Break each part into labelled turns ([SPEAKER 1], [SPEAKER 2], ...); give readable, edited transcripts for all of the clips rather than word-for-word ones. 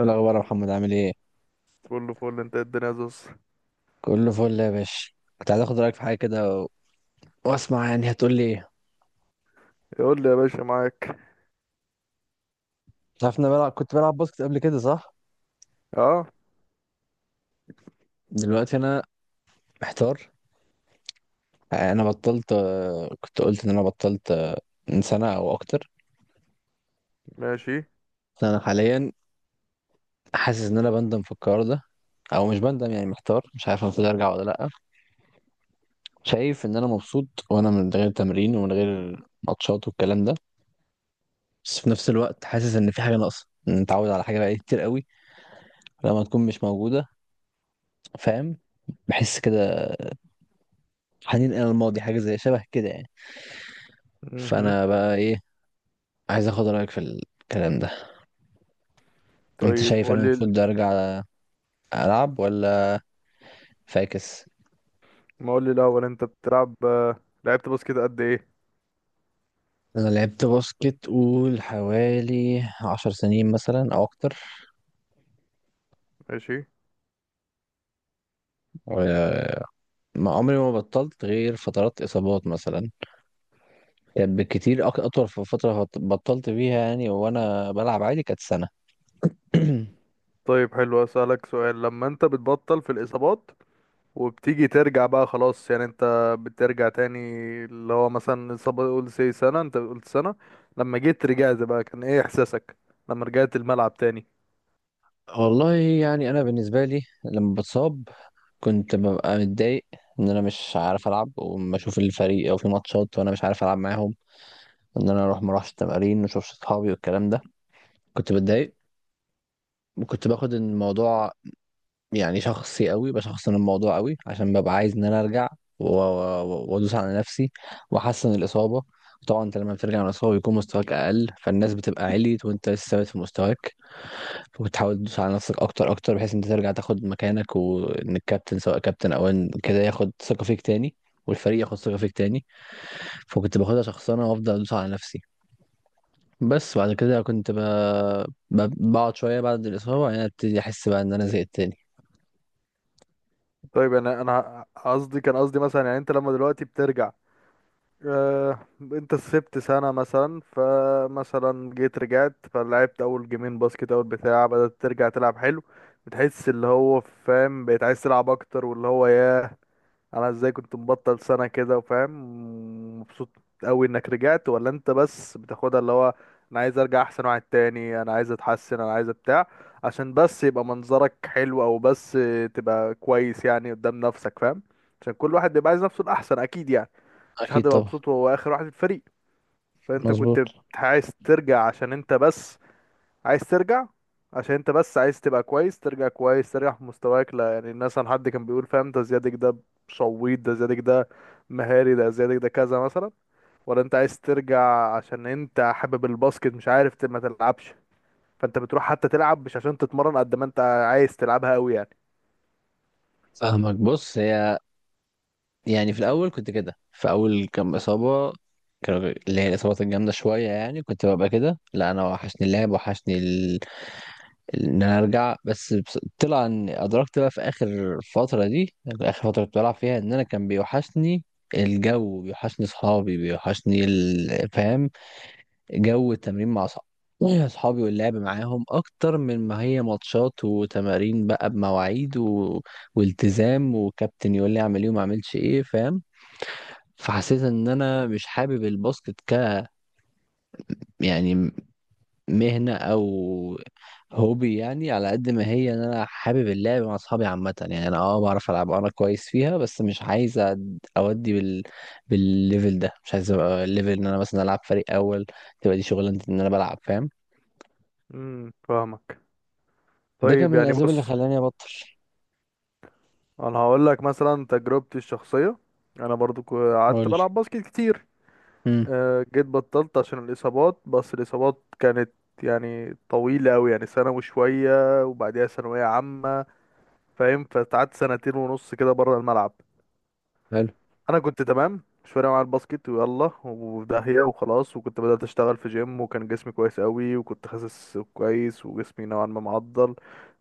[SPEAKER 1] ايه الاخبار يا محمد، عامل ايه؟
[SPEAKER 2] كله فل، انت الدنيا زوز.
[SPEAKER 1] كله فل يا باشا. كنت عايز اخد رايك في حاجه كده واسمع يعني هتقول لي ايه؟
[SPEAKER 2] يقول لي يا باشا معاك.
[SPEAKER 1] انت عارف إن انا كنت بلعب باسكت قبل كده، صح؟
[SPEAKER 2] اه،
[SPEAKER 1] دلوقتي انا محتار. انا بطلت، كنت قلت ان انا بطلت، من سنه او اكتر.
[SPEAKER 2] ماشي.
[SPEAKER 1] انا حاليا حاسس ان انا بندم في القرار ده، او مش بندم، يعني محتار مش عارف المفروض ارجع ولا لا. شايف ان انا مبسوط وانا من غير تمرين ومن غير ماتشات والكلام ده، بس في نفس الوقت حاسس ان في حاجه ناقصه، إن متعود على حاجه بقالي كتير قوي لما تكون مش موجوده، فاهم؟ بحس كده، حنين الى الماضي، حاجه زي شبه كده يعني.
[SPEAKER 2] مهم.
[SPEAKER 1] فانا بقى ايه، عايز اخد رايك في الكلام ده. انت
[SPEAKER 2] طيب
[SPEAKER 1] شايف انا
[SPEAKER 2] قول لي.
[SPEAKER 1] المفروض ارجع العب ولا فاكس؟
[SPEAKER 2] ما قول لي الاول، انت بتلعب لعبت باسكت قد ايه؟
[SPEAKER 1] انا لعبت باسكت، قول حوالي 10 سنين مثلا او اكتر.
[SPEAKER 2] ماشي.
[SPEAKER 1] و- ما عمري ما بطلت غير فترات اصابات مثلا، كانت بالكتير اطول في فتره بطلت فيها يعني، وانا بلعب عادي كانت سنه.
[SPEAKER 2] طيب حلو، اسالك سؤال: لما انت بتبطل في الاصابات وبتيجي ترجع بقى خلاص، يعني انت بترجع تاني، اللي هو مثلا اصابه قول سي سنه، انت قلت سنه، لما جيت رجعت بقى كان ايه احساسك لما رجعت الملعب تاني؟
[SPEAKER 1] والله يعني انا بالنسبه لي لما بتصاب كنت ببقى متضايق، ان انا مش عارف العب وما اشوف الفريق او في ماتشات وانا مش عارف العب معاهم، ان انا اروح ما اروحش التمارين ما اشوفش اصحابي والكلام ده. كنت بتضايق، وكنت باخد الموضوع يعني شخصي قوي، بشخصن الموضوع قوي عشان ببقى عايز ان انا ارجع، وادوس على نفسي واحسن الاصابه. طبعا انت لما بترجع من الاصابه بيكون مستواك اقل، فالناس بتبقى عليت وانت لسه ثابت في مستواك، وبتحاول تدوس على نفسك اكتر اكتر، بحيث انت ترجع تاخد مكانك، وان الكابتن سواء كابتن او ان كده ياخد ثقة فيك تاني، والفريق ياخد ثقة فيك تاني. فكنت باخدها شخصنة وافضل ادوس على نفسي. بس بعد كده كنت بقعد شوية بعد الإصابة، وبعدين ابتدي احس بقى ان انا زهقت تاني.
[SPEAKER 2] طيب انا قصدي، كان قصدي مثلا، يعني انت لما دلوقتي بترجع، انت سبت سنة مثلا، فمثلا جيت رجعت فلعبت اول جيمين باسكت اول بتاع، بدأت ترجع تلعب حلو، بتحس اللي هو فاهم بقيت عايز تلعب اكتر، واللي هو ياه انا ازاي كنت مبطل سنة كده وفاهم، مبسوط قوي انك رجعت؟ ولا انت بس بتاخدها اللي هو انا عايز ارجع احسن واحد تاني، انا عايز اتحسن، انا عايز بتاع، عشان بس يبقى منظرك حلو، او بس تبقى كويس يعني قدام نفسك فاهم؟ عشان كل واحد بيبقى عايز نفسه الاحسن اكيد يعني، مفيش حد
[SPEAKER 1] اكيد طبعا.
[SPEAKER 2] مبسوط وهو اخر واحد في الفريق. فانت كنت
[SPEAKER 1] مظبوط.
[SPEAKER 2] عايز ترجع عشان انت بس عايز ترجع عشان انت بس عايز تبقى كويس، ترجع كويس، ترجع في مستواك، لا يعني الناس عن حد كان بيقول فاهم ده زيادك، ده شويط، ده زيادك، ده مهاري، ده زيادك، ده كذا مثلا؟ ولا انت عايز ترجع عشان انت حابب الباسكت مش عارف ما تلعبش، فانت بتروح حتى تلعب مش عشان تتمرن، قد ما انت عايز تلعبها قوي يعني؟
[SPEAKER 1] فاهمك، بص هي يعني في الاول كنت كده في اول كام اصابة، اللي هي الإصابات الجامدة شوية، يعني كنت ببقى كده، لا أنا وحشني اللعب، وحشني ان انا ارجع، طلع ان ادركت بقى في اخر فتره دي، اخر فتره كنت بلعب فيها ان انا كان بيوحشني الجو، بيوحشني اصحابي، بيوحشني فاهم؟ جو التمرين مع اصحابي، اصحابي واللعب معاهم، اكتر من ما هي ماتشات وتمارين بقى بمواعيد والتزام وكابتن يقول لي اعمل ايه وما اعملش ايه، فاهم؟ فحسيت ان انا مش حابب الباسكت يعني مهنة أو هوبي، يعني على قد ما هي إن أنا حابب اللعب مع أصحابي عامة، يعني أنا بعرف ألعب أنا كويس فيها، بس مش عايز أودي بالليفل ده، مش عايز أبقى الليفل إن أنا مثلا ألعب فريق أول، تبقى دي شغلانتي إن أنا بلعب، فاهم؟
[SPEAKER 2] فاهمك.
[SPEAKER 1] ده كان
[SPEAKER 2] طيب
[SPEAKER 1] من
[SPEAKER 2] يعني
[SPEAKER 1] الأسباب اللي
[SPEAKER 2] بص،
[SPEAKER 1] خلاني أبطل.
[SPEAKER 2] انا هقول لك مثلا تجربتي الشخصيه. انا برضو قعدت
[SPEAKER 1] قولي.
[SPEAKER 2] بلعب باسكت كتير،
[SPEAKER 1] امم.
[SPEAKER 2] جيت بطلت عشان الاصابات، بس الاصابات كانت يعني طويله قوي، يعني سنه وشويه وبعديها ثانويه عامه، فاهم؟ فقعدت سنتين ونص كده بره الملعب.
[SPEAKER 1] حلو.
[SPEAKER 2] انا كنت تمام، مش فارق معايا الباسكت، ويلا وداهيه وخلاص، وكنت بدات اشتغل في جيم، وكان جسمي كويس قوي، وكنت خاسس كويس وجسمي نوعا ما معضل،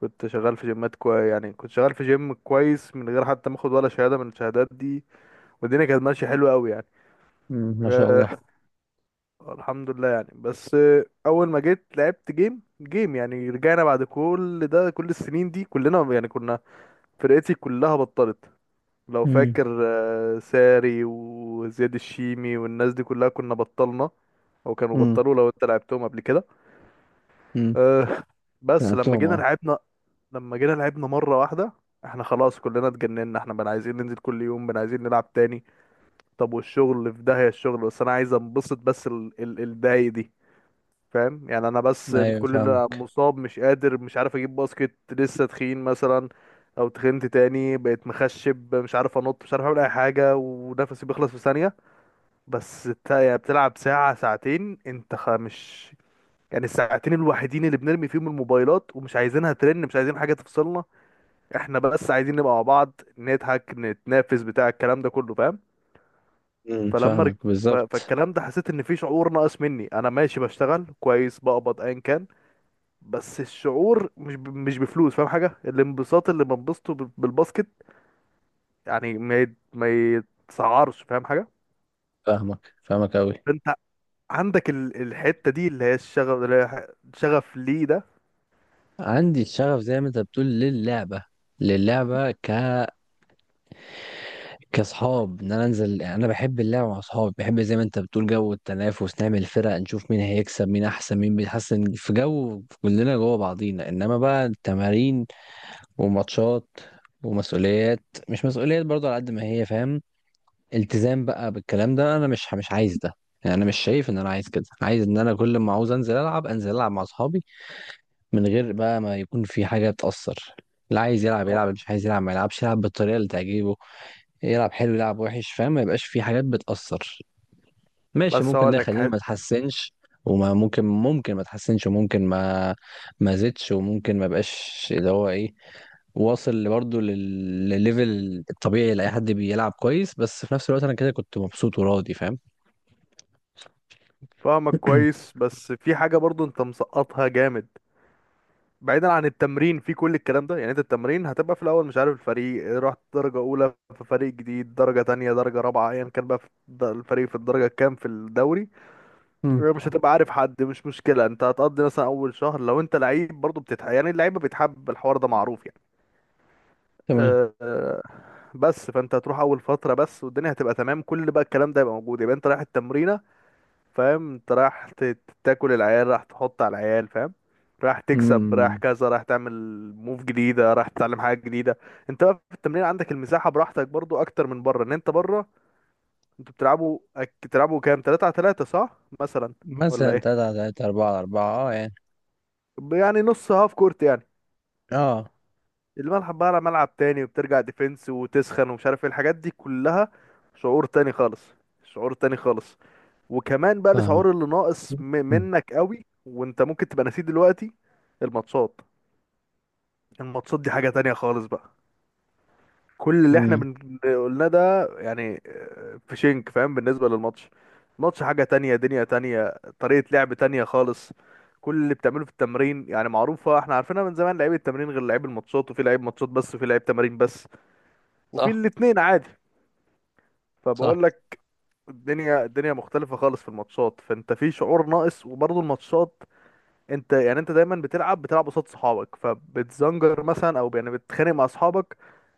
[SPEAKER 2] كنت شغال في جيمات كويس، يعني كنت شغال في جيم كويس من غير حتى ما اخد ولا شهادة من الشهادات دي، والدنيا كانت ماشيه حلوه قوي يعني.
[SPEAKER 1] امم، ما شاء الله.
[SPEAKER 2] أه، الحمد لله يعني. بس اول ما جيت لعبت جيم، يعني رجعنا بعد كل ده، كل السنين دي كلنا يعني، كنا فرقتي كلها بطلت، لو
[SPEAKER 1] امم.
[SPEAKER 2] فاكر، ساري وزياد الشيمي والناس دي كلها، كنا بطلنا او كانوا
[SPEAKER 1] امم.
[SPEAKER 2] بطلوا لو انت لعبتهم قبل كده.
[SPEAKER 1] امم.
[SPEAKER 2] أه. بس لما
[SPEAKER 1] لعبتهم،
[SPEAKER 2] جينا
[SPEAKER 1] أه.
[SPEAKER 2] لعبنا، لما جينا لعبنا مره واحده، احنا خلاص كلنا اتجننا، احنا بقى عايزين ننزل كل يوم، بقى عايزين نلعب تاني. طب والشغل في داهية الشغل، بس انا عايز انبسط، بس ال الداي دي فاهم؟ يعني انا بس
[SPEAKER 1] أيوه،
[SPEAKER 2] كل اللي
[SPEAKER 1] فاهمك.
[SPEAKER 2] مصاب، مش قادر، مش عارف اجيب باسكت، لسه تخين مثلا او تخنت تاني، بقيت مخشب، مش عارف انط، مش عارف اعمل اي حاجة، ونفسي بيخلص في ثانية. بس انت يعني بتلعب ساعة ساعتين، انت مش يعني الساعتين الوحيدين اللي بنرمي فيهم الموبايلات، ومش عايزينها ترن، مش عايزين حاجة تفصلنا، احنا بس عايزين نبقى مع بعض، نضحك، نتنافس، بتاع الكلام ده كله فاهم؟
[SPEAKER 1] امم.
[SPEAKER 2] فلما رج...
[SPEAKER 1] فاهمك بالظبط.
[SPEAKER 2] فالكلام ده حسيت ان في شعور ناقص مني، انا ماشي بشتغل كويس، بقبض ايا كان، بس الشعور مش بفلوس، فاهم حاجه؟ الانبساط اللي بنبسطه بالباسكت يعني ما يتسعرش، فاهم حاجه؟
[SPEAKER 1] فاهمك، فاهمك أوي.
[SPEAKER 2] فانت عندك الحته دي اللي هي الشغف، اللي هي شغف ليه ده؟
[SPEAKER 1] عندي الشغف زي ما انت بتقول للعبة، للعبة، كاصحاب ان انا انزل، يعني انا بحب اللعب مع اصحابي، بحب زي ما انت بتقول جو التنافس، نعمل فرق، نشوف مين هيكسب، مين احسن، مين بيتحسن، في جو كلنا جوه بعضينا. انما بقى التمارين وماتشات ومسؤوليات، مش مسؤوليات برضه على قد ما هي، فاهم؟ التزام بقى بالكلام ده، انا مش عايز ده. يعني انا مش شايف ان انا عايز كده، عايز ان انا كل ما عاوز انزل العب انزل العب مع اصحابي، من غير بقى ما يكون في حاجة تأثر. اللي عايز يلعب يلعب،
[SPEAKER 2] أه.
[SPEAKER 1] اللي مش عايز يلعب ما يلعبش، يلعب بالطريقة اللي تعجبه، يلعب حلو يلعب وحش، فاهم؟ ما يبقاش في حاجات بتأثر. ماشي،
[SPEAKER 2] بس
[SPEAKER 1] ممكن
[SPEAKER 2] هقول
[SPEAKER 1] ده
[SPEAKER 2] لك
[SPEAKER 1] يخلينا ما تحسنش، وما ممكن ما تحسنش، وممكن ما زدش، وممكن ما بقاش اللي هو ايه، واصل برضه للليفل الطبيعي لأي حد بيلعب كويس، بس في نفس الوقت انا كده كنت مبسوط وراضي، فاهم؟
[SPEAKER 2] فاهمك كويس، بس في حاجه برضو انت مسقطها جامد. بعيدا عن التمرين في كل الكلام ده، يعني انت التمرين هتبقى في الاول مش عارف الفريق، رحت درجة اولى في فريق جديد، درجة تانية، درجة رابعة، ايا كان بقى في الفريق في الدرجة كام في الدوري،
[SPEAKER 1] مم.
[SPEAKER 2] مش هتبقى عارف حد، مش مشكلة، انت هتقضي مثلا اول شهر لو انت لعيب برضه بتتح، يعني اللعيبة بيتحب، الحوار ده معروف يعني.
[SPEAKER 1] تمام.
[SPEAKER 2] أه، بس فانت هتروح اول فترة بس، والدنيا هتبقى تمام، كل بقى الكلام ده يبقى موجود، يبقى انت رايح التمرين فاهم، انت رايح تاكل العيال، راح تحط على العيال فاهم، راح تكسب، راح
[SPEAKER 1] امم.
[SPEAKER 2] كذا، راح تعمل موف جديدة، راح تتعلم حاجة جديدة. انت بقى في التمرين عندك المساحة براحتك برضو اكتر من بره، ان انت بره انتوا بتلعبوا بتلعبوا كام، 3 على 3 صح مثلا ولا
[SPEAKER 1] مثلا تلاتة
[SPEAKER 2] ايه؟
[SPEAKER 1] على تلاتة 4 على 4، اه يعني.
[SPEAKER 2] يعني نص هاف كورت يعني،
[SPEAKER 1] اه.
[SPEAKER 2] الملعب بقى على ملعب تاني، وبترجع ديفنس وتسخن، ومش عارف ايه الحاجات دي كلها، شعور تاني خالص، شعور تاني خالص. وكمان بقى الشعور
[SPEAKER 1] فاهمك.
[SPEAKER 2] اللي ناقص
[SPEAKER 1] مم.
[SPEAKER 2] منك قوي، وانت ممكن تبقى نسيت دلوقتي الماتشات. الماتشات دي حاجة تانية خالص بقى، كل اللي احنا
[SPEAKER 1] امم.
[SPEAKER 2] قلناه ده، يعني في شنك فاهم بالنسبة للماتش، الماتش حاجة تانية، دنيا تانية، طريقة لعب تانية خالص، كل اللي بتعمله في التمرين، يعني معروفة، احنا عارفينها من زمان، لعيب التمرين غير لعيب الماتشات، وفي لعيب ماتشات بس، وفي لعيب تمارين بس، وفي
[SPEAKER 1] صح.
[SPEAKER 2] الاتنين عادي.
[SPEAKER 1] صح.
[SPEAKER 2] فبقول لك الدنيا، الدنيا مختلفة خالص في الماتشات، فانت في شعور ناقص، وبرضه الماتشات انت يعني انت دايما بتلعب، بتلعب قصاد صحابك، فبتزنجر مثلا او يعني بتتخانق مع صحابك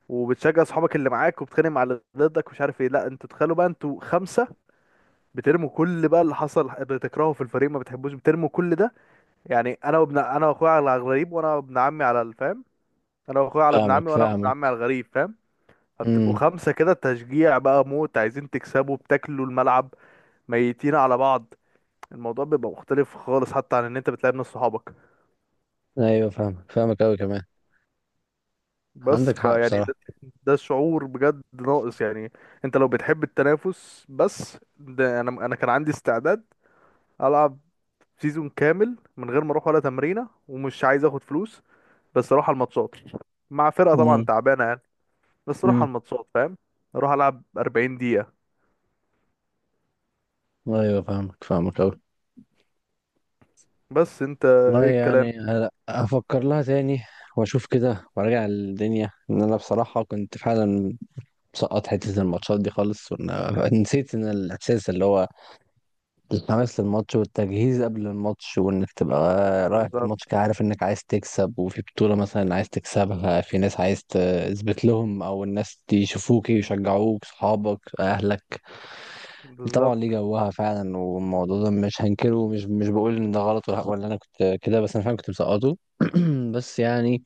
[SPEAKER 2] وبتشجع صحابك اللي معاك، وبتتخانق مع اللي ضدك، ومش عارف ايه. لا، انتوا تخيلوا بقى، انتوا خمسة، بترموا كل بقى اللي حصل اللي تكرهه في الفريق، ما بتحبوش، بترموا كل ده، يعني انا واخويا على الغريب، وانا وابن عمي على الفام، انا واخويا على ابن
[SPEAKER 1] فاهمك،
[SPEAKER 2] عمي، وانا وابن
[SPEAKER 1] فاهمك.
[SPEAKER 2] عمي على الغريب فاهم؟ فبتبقوا
[SPEAKER 1] امم.
[SPEAKER 2] خمسة كده تشجيع بقى موت، عايزين تكسبوا، بتاكلوا الملعب، ميتين على بعض، الموضوع بيبقى مختلف خالص حتى عن ان انت بتلعب ناس صحابك.
[SPEAKER 1] ايوه، فاهمك، فاهمك قوي كمان.
[SPEAKER 2] بس
[SPEAKER 1] عندك حق
[SPEAKER 2] فيعني ده،
[SPEAKER 1] بصراحة.
[SPEAKER 2] ده شعور بجد ناقص يعني. انت لو بتحب التنافس، بس ده انا كان عندي استعداد العب سيزون كامل من غير ما اروح ولا تمرينه، ومش عايز اخد فلوس، بس اروح على الماتشات مع فرقه طبعا
[SPEAKER 1] امم،
[SPEAKER 2] تعبانه يعني، بس اروح
[SPEAKER 1] امم.
[SPEAKER 2] على الماتشات فاهم، اروح العب 40 دقيقه.
[SPEAKER 1] ايوه، فاهمك، فاهمك قوي.
[SPEAKER 2] بس انت
[SPEAKER 1] والله
[SPEAKER 2] ايه الكلام؟
[SPEAKER 1] يعني هفكر لها تاني واشوف كده، وارجع الدنيا. ان انا بصراحة كنت فعلا مسقط حتة الماتشات دي خالص، نسيت ان الاحساس اللي هو الحماس للماتش والتجهيز قبل الماتش، وانك تبقى رايح
[SPEAKER 2] بالظبط.
[SPEAKER 1] الماتش كده عارف انك عايز تكسب، وفي بطولة مثلا عايز تكسبها، في ناس عايز تثبت لهم او الناس يشوفوك يشجعوك، صحابك، اهلك. طبعا ليه
[SPEAKER 2] بالظبط.
[SPEAKER 1] جوها فعلا، والموضوع ده مش هنكره، ومش مش بقول ان ده غلط ولا انا كنت كده، بس انا فعلا كنت مسقطه. بس يعني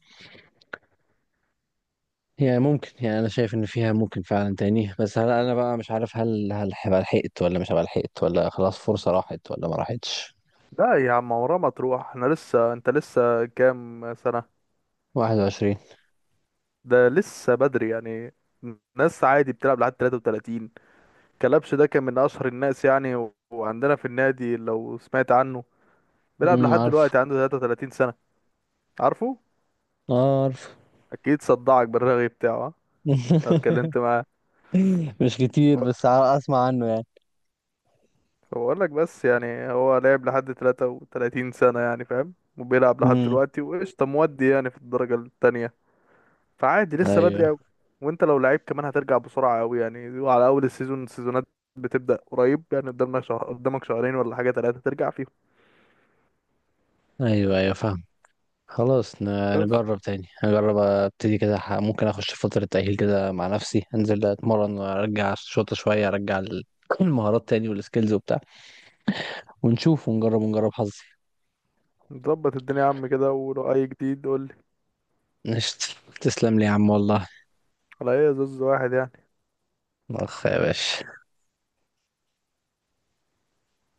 [SPEAKER 1] هي ممكن، يعني انا شايف ان فيها ممكن فعلا تاني، بس هل انا بقى مش عارف، هل هبقى لحقت ولا مش هبقى لحقت، ولا خلاص فرصة راحت ولا ما راحتش؟
[SPEAKER 2] لا يا عم، عمرها ما تروح، احنا لسه، انت لسه كام سنه؟
[SPEAKER 1] 21.
[SPEAKER 2] ده لسه بدري يعني، ناس عادي بتلعب لحد 33. كلبش ده كان من اشهر الناس يعني، وعندنا في النادي لو سمعت عنه، بيلعب
[SPEAKER 1] امم،
[SPEAKER 2] لحد
[SPEAKER 1] عارف.
[SPEAKER 2] دلوقتي عنده 33 سنة، عارفه؟
[SPEAKER 1] اه، عارف.
[SPEAKER 2] اكيد صدعك بالرغي بتاعه، ها؟ انا اتكلمت معاه.
[SPEAKER 1] مش كتير، بس اسمع عنه يعني.
[SPEAKER 2] بقول لك بس يعني هو لعب لحد 33 سنة، يعني فاهم، وبيلعب لحد
[SPEAKER 1] امم.
[SPEAKER 2] دلوقتي وقشطة، مودي يعني في الدرجة التانية، فعادي لسه بدري
[SPEAKER 1] ايوه،
[SPEAKER 2] قوي. وانت لو لعيب كمان هترجع بسرعة قوي يعني، وعلى اول السيزون، السيزونات بتبدأ قريب يعني، قدامنا شهر، قدامك شهرين ولا حاجة، تلاتة ترجع فيهم
[SPEAKER 1] ايوه، ايوه، فاهم. خلاص،
[SPEAKER 2] بس.
[SPEAKER 1] نجرب تاني، نجرب ابتدي كده، ممكن اخش فترة تأهيل كده مع نفسي، انزل اتمرن وارجع الشوطة شوية، المهارات تاني والسكيلز وبتاع، ونشوف ونجرب، ونجرب حظي.
[SPEAKER 2] نظبط الدنيا يا عم كده، ولو اي جديد قول.
[SPEAKER 1] قشطة. تسلم لي يا عم والله.
[SPEAKER 2] على ايه؟ زوز واحد يعني.
[SPEAKER 1] اخ يا باشا.